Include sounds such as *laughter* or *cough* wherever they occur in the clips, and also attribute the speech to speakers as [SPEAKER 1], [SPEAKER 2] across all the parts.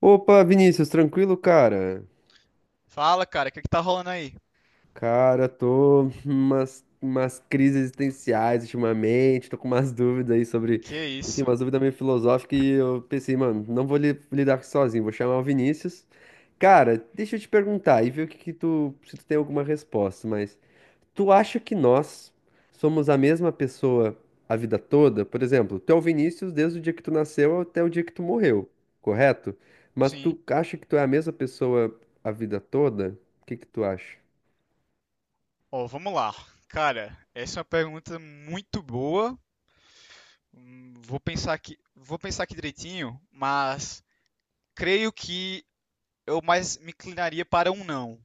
[SPEAKER 1] Opa, Vinícius, tranquilo, cara?
[SPEAKER 2] Fala, cara, o que que tá rolando aí?
[SPEAKER 1] Cara, tô umas crises existenciais ultimamente, tô com umas dúvidas aí sobre,
[SPEAKER 2] Que
[SPEAKER 1] enfim,
[SPEAKER 2] isso?
[SPEAKER 1] umas dúvidas meio filosóficas e eu pensei, mano, não vou lidar com isso sozinho, vou chamar o Vinícius. Cara, deixa eu te perguntar e ver o que que tu, se tu tem alguma resposta, mas tu acha que nós somos a mesma pessoa a vida toda? Por exemplo, tu é o Vinícius desde o dia que tu nasceu até o dia que tu morreu, correto? Mas
[SPEAKER 2] Sim.
[SPEAKER 1] tu acha que tu é a mesma pessoa a vida toda? O que que tu acha?
[SPEAKER 2] Ó, vamos lá. Cara, essa é uma pergunta muito boa. Vou pensar aqui direitinho, mas creio que eu mais me inclinaria para um não.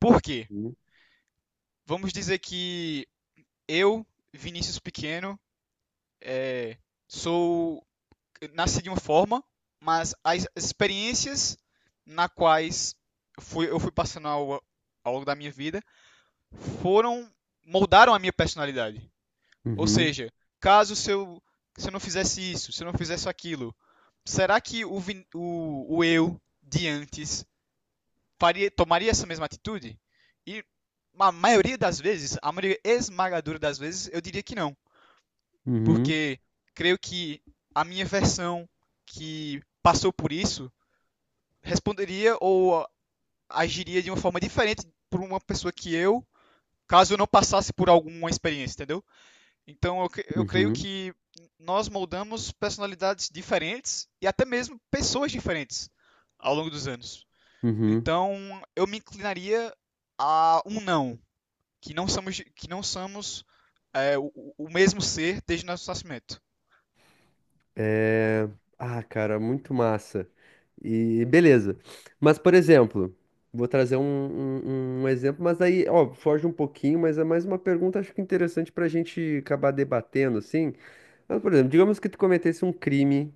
[SPEAKER 2] Por quê?
[SPEAKER 1] Hum?
[SPEAKER 2] Vamos dizer que eu, Vinícius Pequeno, é, sou nasci de uma forma, mas as experiências na quais eu fui passando ao longo da minha vida foram moldaram a minha personalidade. Ou
[SPEAKER 1] Uhum,
[SPEAKER 2] seja, caso se eu, se eu não fizesse isso, se eu não fizesse aquilo, será que o eu de antes faria, tomaria essa mesma atitude? E a maioria das vezes, a maioria esmagadora das vezes, eu diria que não.
[SPEAKER 1] uhum,
[SPEAKER 2] Porque creio que a minha versão que passou por isso responderia ou agiria de uma forma diferente por uma pessoa que eu, caso eu não passasse por alguma experiência, entendeu? Então, eu creio
[SPEAKER 1] uhum,
[SPEAKER 2] que nós moldamos personalidades diferentes e até mesmo pessoas diferentes ao longo dos anos.
[SPEAKER 1] uhum.
[SPEAKER 2] Então, eu me inclinaria a um não, que não somos o- mesmo ser desde nosso nascimento,
[SPEAKER 1] É... Ah, cara, muito massa. E beleza. Mas, por exemplo, vou trazer um exemplo, mas aí, ó, foge um pouquinho, mas é mais uma pergunta, acho que interessante pra gente acabar debatendo, assim. Mas, por exemplo, digamos que tu cometesse um crime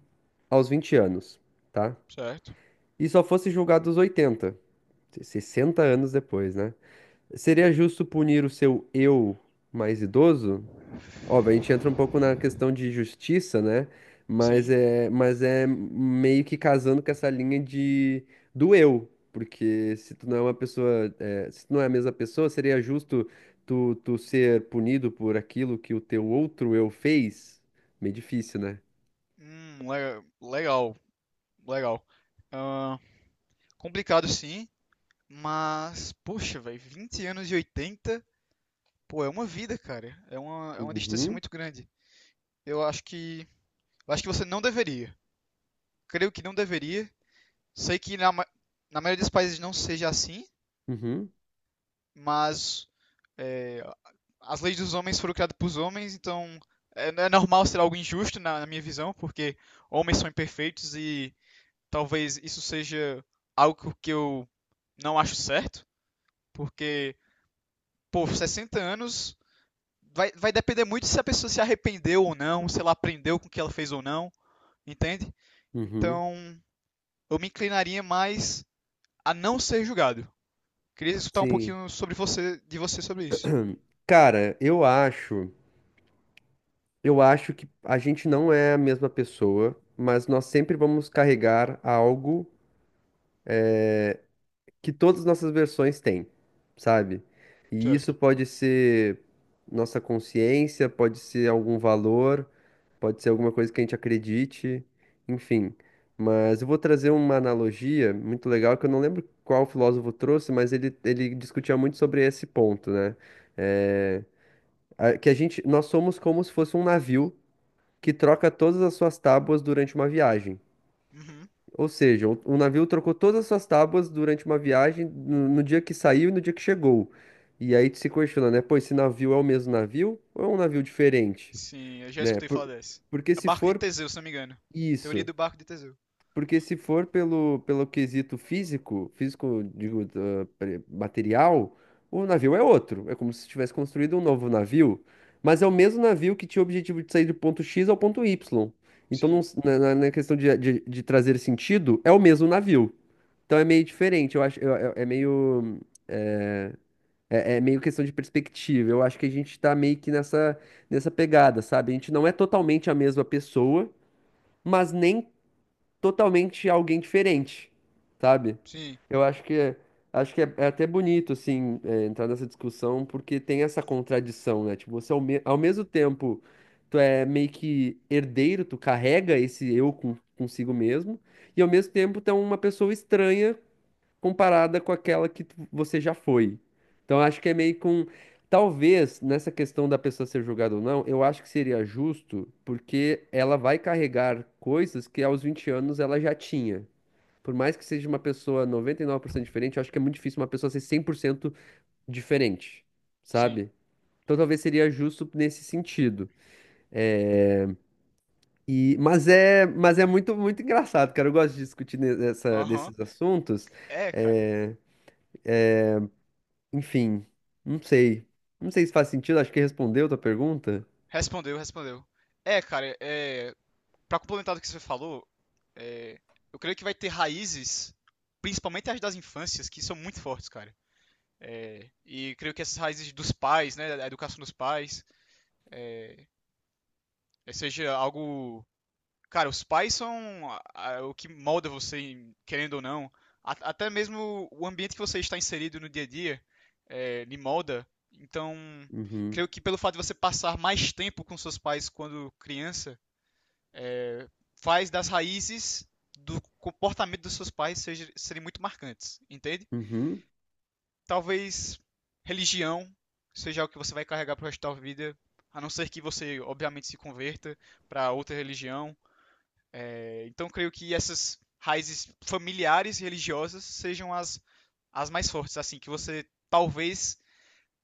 [SPEAKER 1] aos 20 anos, tá?
[SPEAKER 2] certo?
[SPEAKER 1] E só fosse julgado aos 80 60 anos depois, né? Seria
[SPEAKER 2] Uhum.
[SPEAKER 1] justo punir o seu eu mais idoso? Óbvio, a gente entra um pouco na questão de justiça, né? Mas
[SPEAKER 2] Sim.
[SPEAKER 1] é, mas é meio que casando com essa linha de do eu, porque se tu não é uma pessoa, é, se tu não é a mesma pessoa, seria justo tu ser punido por aquilo que o teu outro eu fez? Meio difícil, né?
[SPEAKER 2] Legal, legal. Ah, complicado sim, mas, poxa, velho, 20 anos de 80. Pô, é uma vida, cara. É uma distância
[SPEAKER 1] Uhum,
[SPEAKER 2] muito grande. Eu acho que. Eu acho que você não deveria. Creio que não deveria. Sei que na maioria dos países não seja assim,
[SPEAKER 1] uhum,
[SPEAKER 2] mas é, as leis dos homens foram criadas para os homens, então é normal ser algo injusto na minha visão, porque homens são imperfeitos e talvez isso seja algo que eu não acho certo, porque, pô, 60 anos vai, vai depender muito se a pessoa se arrependeu ou não, se ela aprendeu com o que ela fez ou não. Entende?
[SPEAKER 1] uhum.
[SPEAKER 2] Então, eu me inclinaria mais a não ser julgado. Queria escutar um
[SPEAKER 1] Sim.
[SPEAKER 2] pouquinho sobre você, de você sobre isso.
[SPEAKER 1] Cara, eu acho que a gente não é a mesma pessoa, mas nós sempre vamos carregar algo que todas as nossas versões têm, sabe? E isso
[SPEAKER 2] Certo.
[SPEAKER 1] pode ser nossa consciência, pode ser algum valor, pode ser alguma coisa que a gente acredite, enfim. Mas eu vou trazer uma analogia muito legal que eu não lembro qual filósofo trouxe, mas ele discutia muito sobre esse ponto, né? Eh, Que a gente, nós somos como se fosse um navio que troca todas as suas tábuas durante uma viagem.
[SPEAKER 2] Uhum.
[SPEAKER 1] Ou seja, o navio trocou todas as suas tábuas durante uma viagem no dia que saiu e no dia que chegou. E aí tu se questiona, né? Pô, esse navio é o mesmo navio ou é um navio diferente,
[SPEAKER 2] Sim, eu já
[SPEAKER 1] né?
[SPEAKER 2] escutei falar dessa.
[SPEAKER 1] Porque
[SPEAKER 2] É
[SPEAKER 1] se
[SPEAKER 2] barco de
[SPEAKER 1] for
[SPEAKER 2] Teseu, se não me engano. Teoria
[SPEAKER 1] isso,
[SPEAKER 2] do barco de Teseu.
[SPEAKER 1] porque se for pelo quesito físico, físico, digo, material, o navio é outro. É como se tivesse construído um novo navio, mas é o mesmo navio que tinha o objetivo de sair do ponto X ao ponto Y. Então, não
[SPEAKER 2] Sim,
[SPEAKER 1] s- na, na- na questão de trazer sentido, é o mesmo navio. Então, é meio diferente. Eu acho, eu- é meio, é, é meio questão de perspectiva. Eu acho que a gente tá meio que nessa, nessa pegada, sabe? A gente não é totalmente a mesma pessoa, mas nem totalmente alguém diferente, sabe?
[SPEAKER 2] sim,
[SPEAKER 1] Eu acho que é, é até bonito assim é, entrar nessa discussão porque tem essa contradição, né? Tipo, ao mesmo tempo tu é meio que herdeiro, tu carrega esse eu consigo mesmo e ao mesmo tempo tu é uma pessoa estranha comparada com aquela que você já foi. Então, eu acho que é meio com. Talvez nessa questão da pessoa ser julgada ou não, eu acho que seria justo, porque ela vai carregar coisas que aos 20 anos ela já tinha. Por mais que seja uma pessoa 99% diferente, eu acho que é muito difícil uma pessoa ser 100% diferente,
[SPEAKER 2] sim.
[SPEAKER 1] sabe? Então talvez seria justo nesse sentido. E, mas é muito engraçado, cara. Eu gosto de discutir
[SPEAKER 2] Aham.
[SPEAKER 1] desses assuntos.
[SPEAKER 2] É, cara.
[SPEAKER 1] É, enfim, não sei. Não sei se faz sentido, acho que respondeu a tua pergunta.
[SPEAKER 2] Respondeu, respondeu. É, cara, para complementar do que você falou, é, eu creio que vai ter raízes, principalmente as das infâncias, que são muito fortes, cara. É, e creio que essas raízes dos pais, né, a educação dos pais, é, seja algo. Cara, os pais são o que molda você, querendo ou não. Até mesmo o ambiente que você está inserido no dia a dia lhe molda. Então,
[SPEAKER 1] Uhum,
[SPEAKER 2] creio que pelo fato de você passar mais tempo com seus pais quando criança, é, faz das raízes do comportamento dos seus pais serem muito marcantes, entende?
[SPEAKER 1] uhum,
[SPEAKER 2] Talvez religião seja o que você vai carregar pro resto da sua vida, a não ser que você, obviamente, se converta para outra religião. Então, creio que essas raízes familiares e religiosas sejam as, as mais fortes, assim, que você talvez.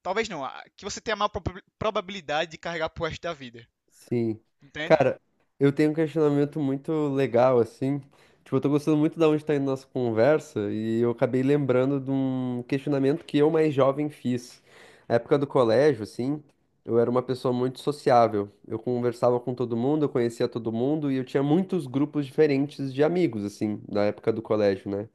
[SPEAKER 2] Talvez não, que você tenha a maior probabilidade de carregar pro resto da vida.
[SPEAKER 1] sim.
[SPEAKER 2] Entende?
[SPEAKER 1] Cara, eu tenho um questionamento muito legal, assim. Tipo, eu tô gostando muito da onde tá indo nossa conversa e eu acabei lembrando de um questionamento que eu mais jovem fiz. Na época do colégio, assim, eu era uma pessoa muito sociável. Eu conversava com todo mundo, eu conhecia todo mundo e eu tinha muitos grupos diferentes de amigos, assim, na época do colégio, né?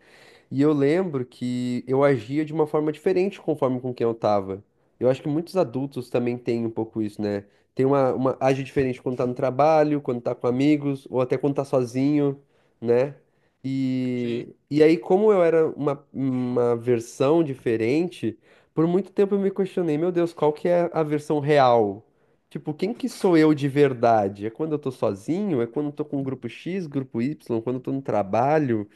[SPEAKER 1] E eu lembro que eu agia de uma forma diferente conforme com quem eu tava. Eu acho que muitos adultos também têm um pouco isso, né? Tem uma age diferente quando tá no trabalho, quando tá com amigos, ou até quando tá sozinho, né?
[SPEAKER 2] Sim.
[SPEAKER 1] E aí, como eu era uma versão diferente, por muito tempo eu me questionei, meu Deus, qual que é a versão real? Tipo, quem que sou eu de verdade? É quando eu tô sozinho? É quando eu tô com o grupo X, grupo Y? Quando eu tô no trabalho?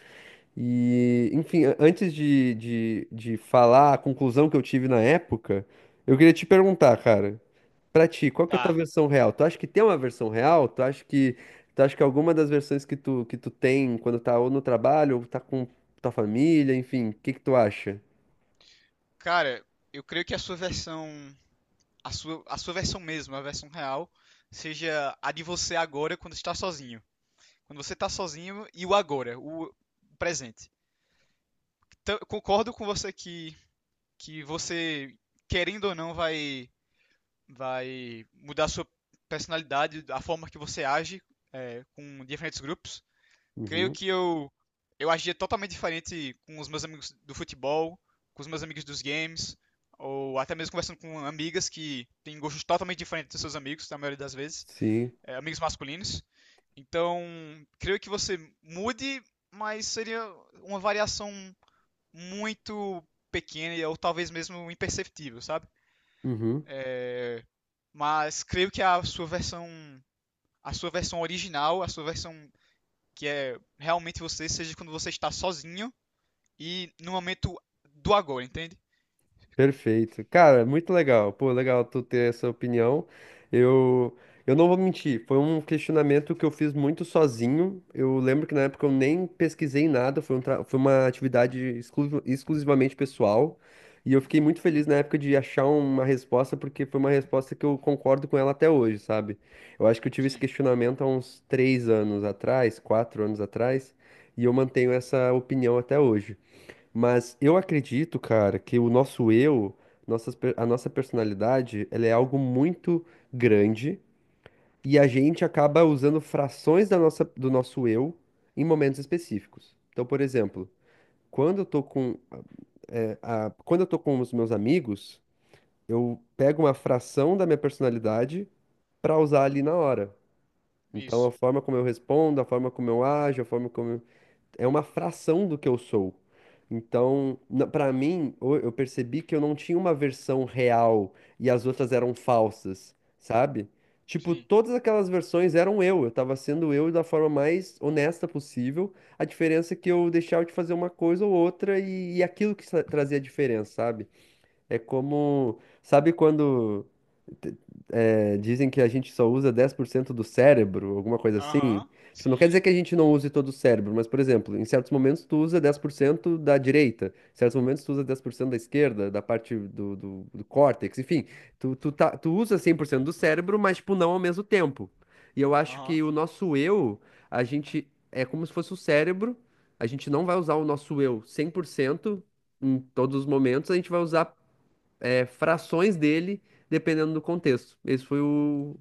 [SPEAKER 1] E, enfim, antes de falar a conclusão que eu tive na época, eu queria te perguntar, cara, pra ti, qual que é a tua
[SPEAKER 2] Tá.
[SPEAKER 1] versão real? Tu acha que tem uma versão real? Tu acha que alguma das versões que tu tem quando tá ou no trabalho, ou tá com tua família, enfim, o que que tu acha?
[SPEAKER 2] Cara, eu creio que a sua versão. A sua versão mesmo, a versão real, seja a de você agora quando está sozinho. Quando você tá sozinho e o agora, o presente. Então, eu concordo com você que você, querendo ou não, vai, vai mudar a sua personalidade, a forma que você age com diferentes grupos. Creio
[SPEAKER 1] Uhum,
[SPEAKER 2] que eu agia totalmente diferente com os meus amigos do futebol, com os meus amigos dos games, ou até mesmo conversando com amigas que têm gostos totalmente diferentes dos seus amigos, na maioria das vezes
[SPEAKER 1] sim.
[SPEAKER 2] amigos masculinos. Então, creio que você mude, mas seria uma variação muito pequena ou talvez mesmo imperceptível, sabe?
[SPEAKER 1] Uhum.
[SPEAKER 2] Mas creio que a sua versão original, a sua versão que é realmente você, seja quando você está sozinho e no momento do agora, entende?
[SPEAKER 1] Perfeito. Cara, muito legal. Pô, legal tu ter essa opinião. Eu, eu não vou mentir, foi um questionamento que eu fiz muito sozinho. Eu lembro que na época eu nem pesquisei nada, foi, foi uma atividade exclusivamente pessoal. E eu fiquei muito feliz na época de achar uma resposta, porque foi uma resposta que eu concordo com ela até hoje, sabe? Eu acho que eu tive esse
[SPEAKER 2] Sim,
[SPEAKER 1] questionamento há uns 3 anos atrás, 4 anos atrás, e eu mantenho essa opinião até hoje. Mas eu acredito, cara, que o nosso eu, a nossa personalidade, ela é algo muito grande e a gente acaba usando frações da nossa, do nosso eu em momentos específicos. Então, por exemplo, quando eu tô com, quando eu tô com os meus amigos, eu pego uma fração da minha personalidade pra usar ali na hora. Então, a
[SPEAKER 2] isso.
[SPEAKER 1] forma como eu respondo, a forma como eu ajo, a forma como eu é uma fração do que eu sou. Então, pra mim, eu percebi que eu não tinha uma versão real e as outras eram falsas, sabe? Tipo,
[SPEAKER 2] Sim.
[SPEAKER 1] todas aquelas versões eram eu tava sendo eu da forma mais honesta possível. A diferença é que eu deixava de fazer uma coisa ou outra e aquilo que trazia a diferença, sabe? É como, sabe quando te- é, dizem que a gente só usa 10% do cérebro, alguma coisa assim.
[SPEAKER 2] Aham.
[SPEAKER 1] Tipo, não quer
[SPEAKER 2] Sim.
[SPEAKER 1] dizer que a gente não use todo o cérebro, mas, por exemplo, em certos momentos tu usa 10% da direita, em certos momentos tu usa 10% da esquerda, da parte do córtex, enfim. Tu usa 100% do cérebro, mas, tipo, não ao mesmo tempo. E eu acho
[SPEAKER 2] Aham.
[SPEAKER 1] que o nosso eu, a gente é como se fosse o cérebro, a gente não vai usar o nosso eu 100% em todos os momentos, a gente vai usar é, frações dele, dependendo do contexto. Esse foi o,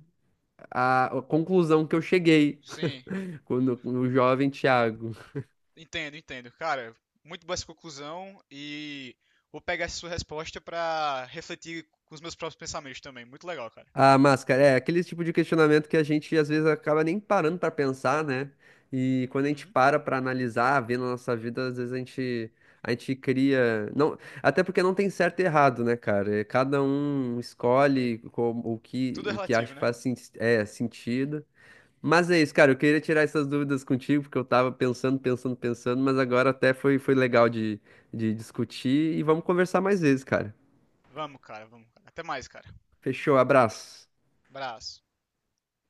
[SPEAKER 1] a conclusão que eu cheguei
[SPEAKER 2] Sim.
[SPEAKER 1] *laughs* quando o jovem Thiago.
[SPEAKER 2] Entendo, entendo. Cara, muito boa essa conclusão e vou pegar essa sua resposta pra refletir com os meus próprios pensamentos também. Muito legal, cara.
[SPEAKER 1] A máscara, é aquele tipo de questionamento que a gente às vezes acaba nem parando para pensar, né? E quando a gente
[SPEAKER 2] Uhum.
[SPEAKER 1] para para analisar, ver na nossa vida, às vezes a gente cria, não, até porque não tem certo e errado, né, cara? É, cada um
[SPEAKER 2] É,
[SPEAKER 1] escolhe como, o que
[SPEAKER 2] tudo é
[SPEAKER 1] acha
[SPEAKER 2] relativo,
[SPEAKER 1] que
[SPEAKER 2] né?
[SPEAKER 1] faz é, sentido. Mas é isso, cara. Eu queria tirar essas dúvidas contigo, porque eu tava pensando, pensando, pensando, mas agora até foi, foi legal de discutir e vamos conversar mais vezes, cara.
[SPEAKER 2] Vamos, cara, vamos, cara. Até mais, cara.
[SPEAKER 1] Fechou, abraço.
[SPEAKER 2] Abraço.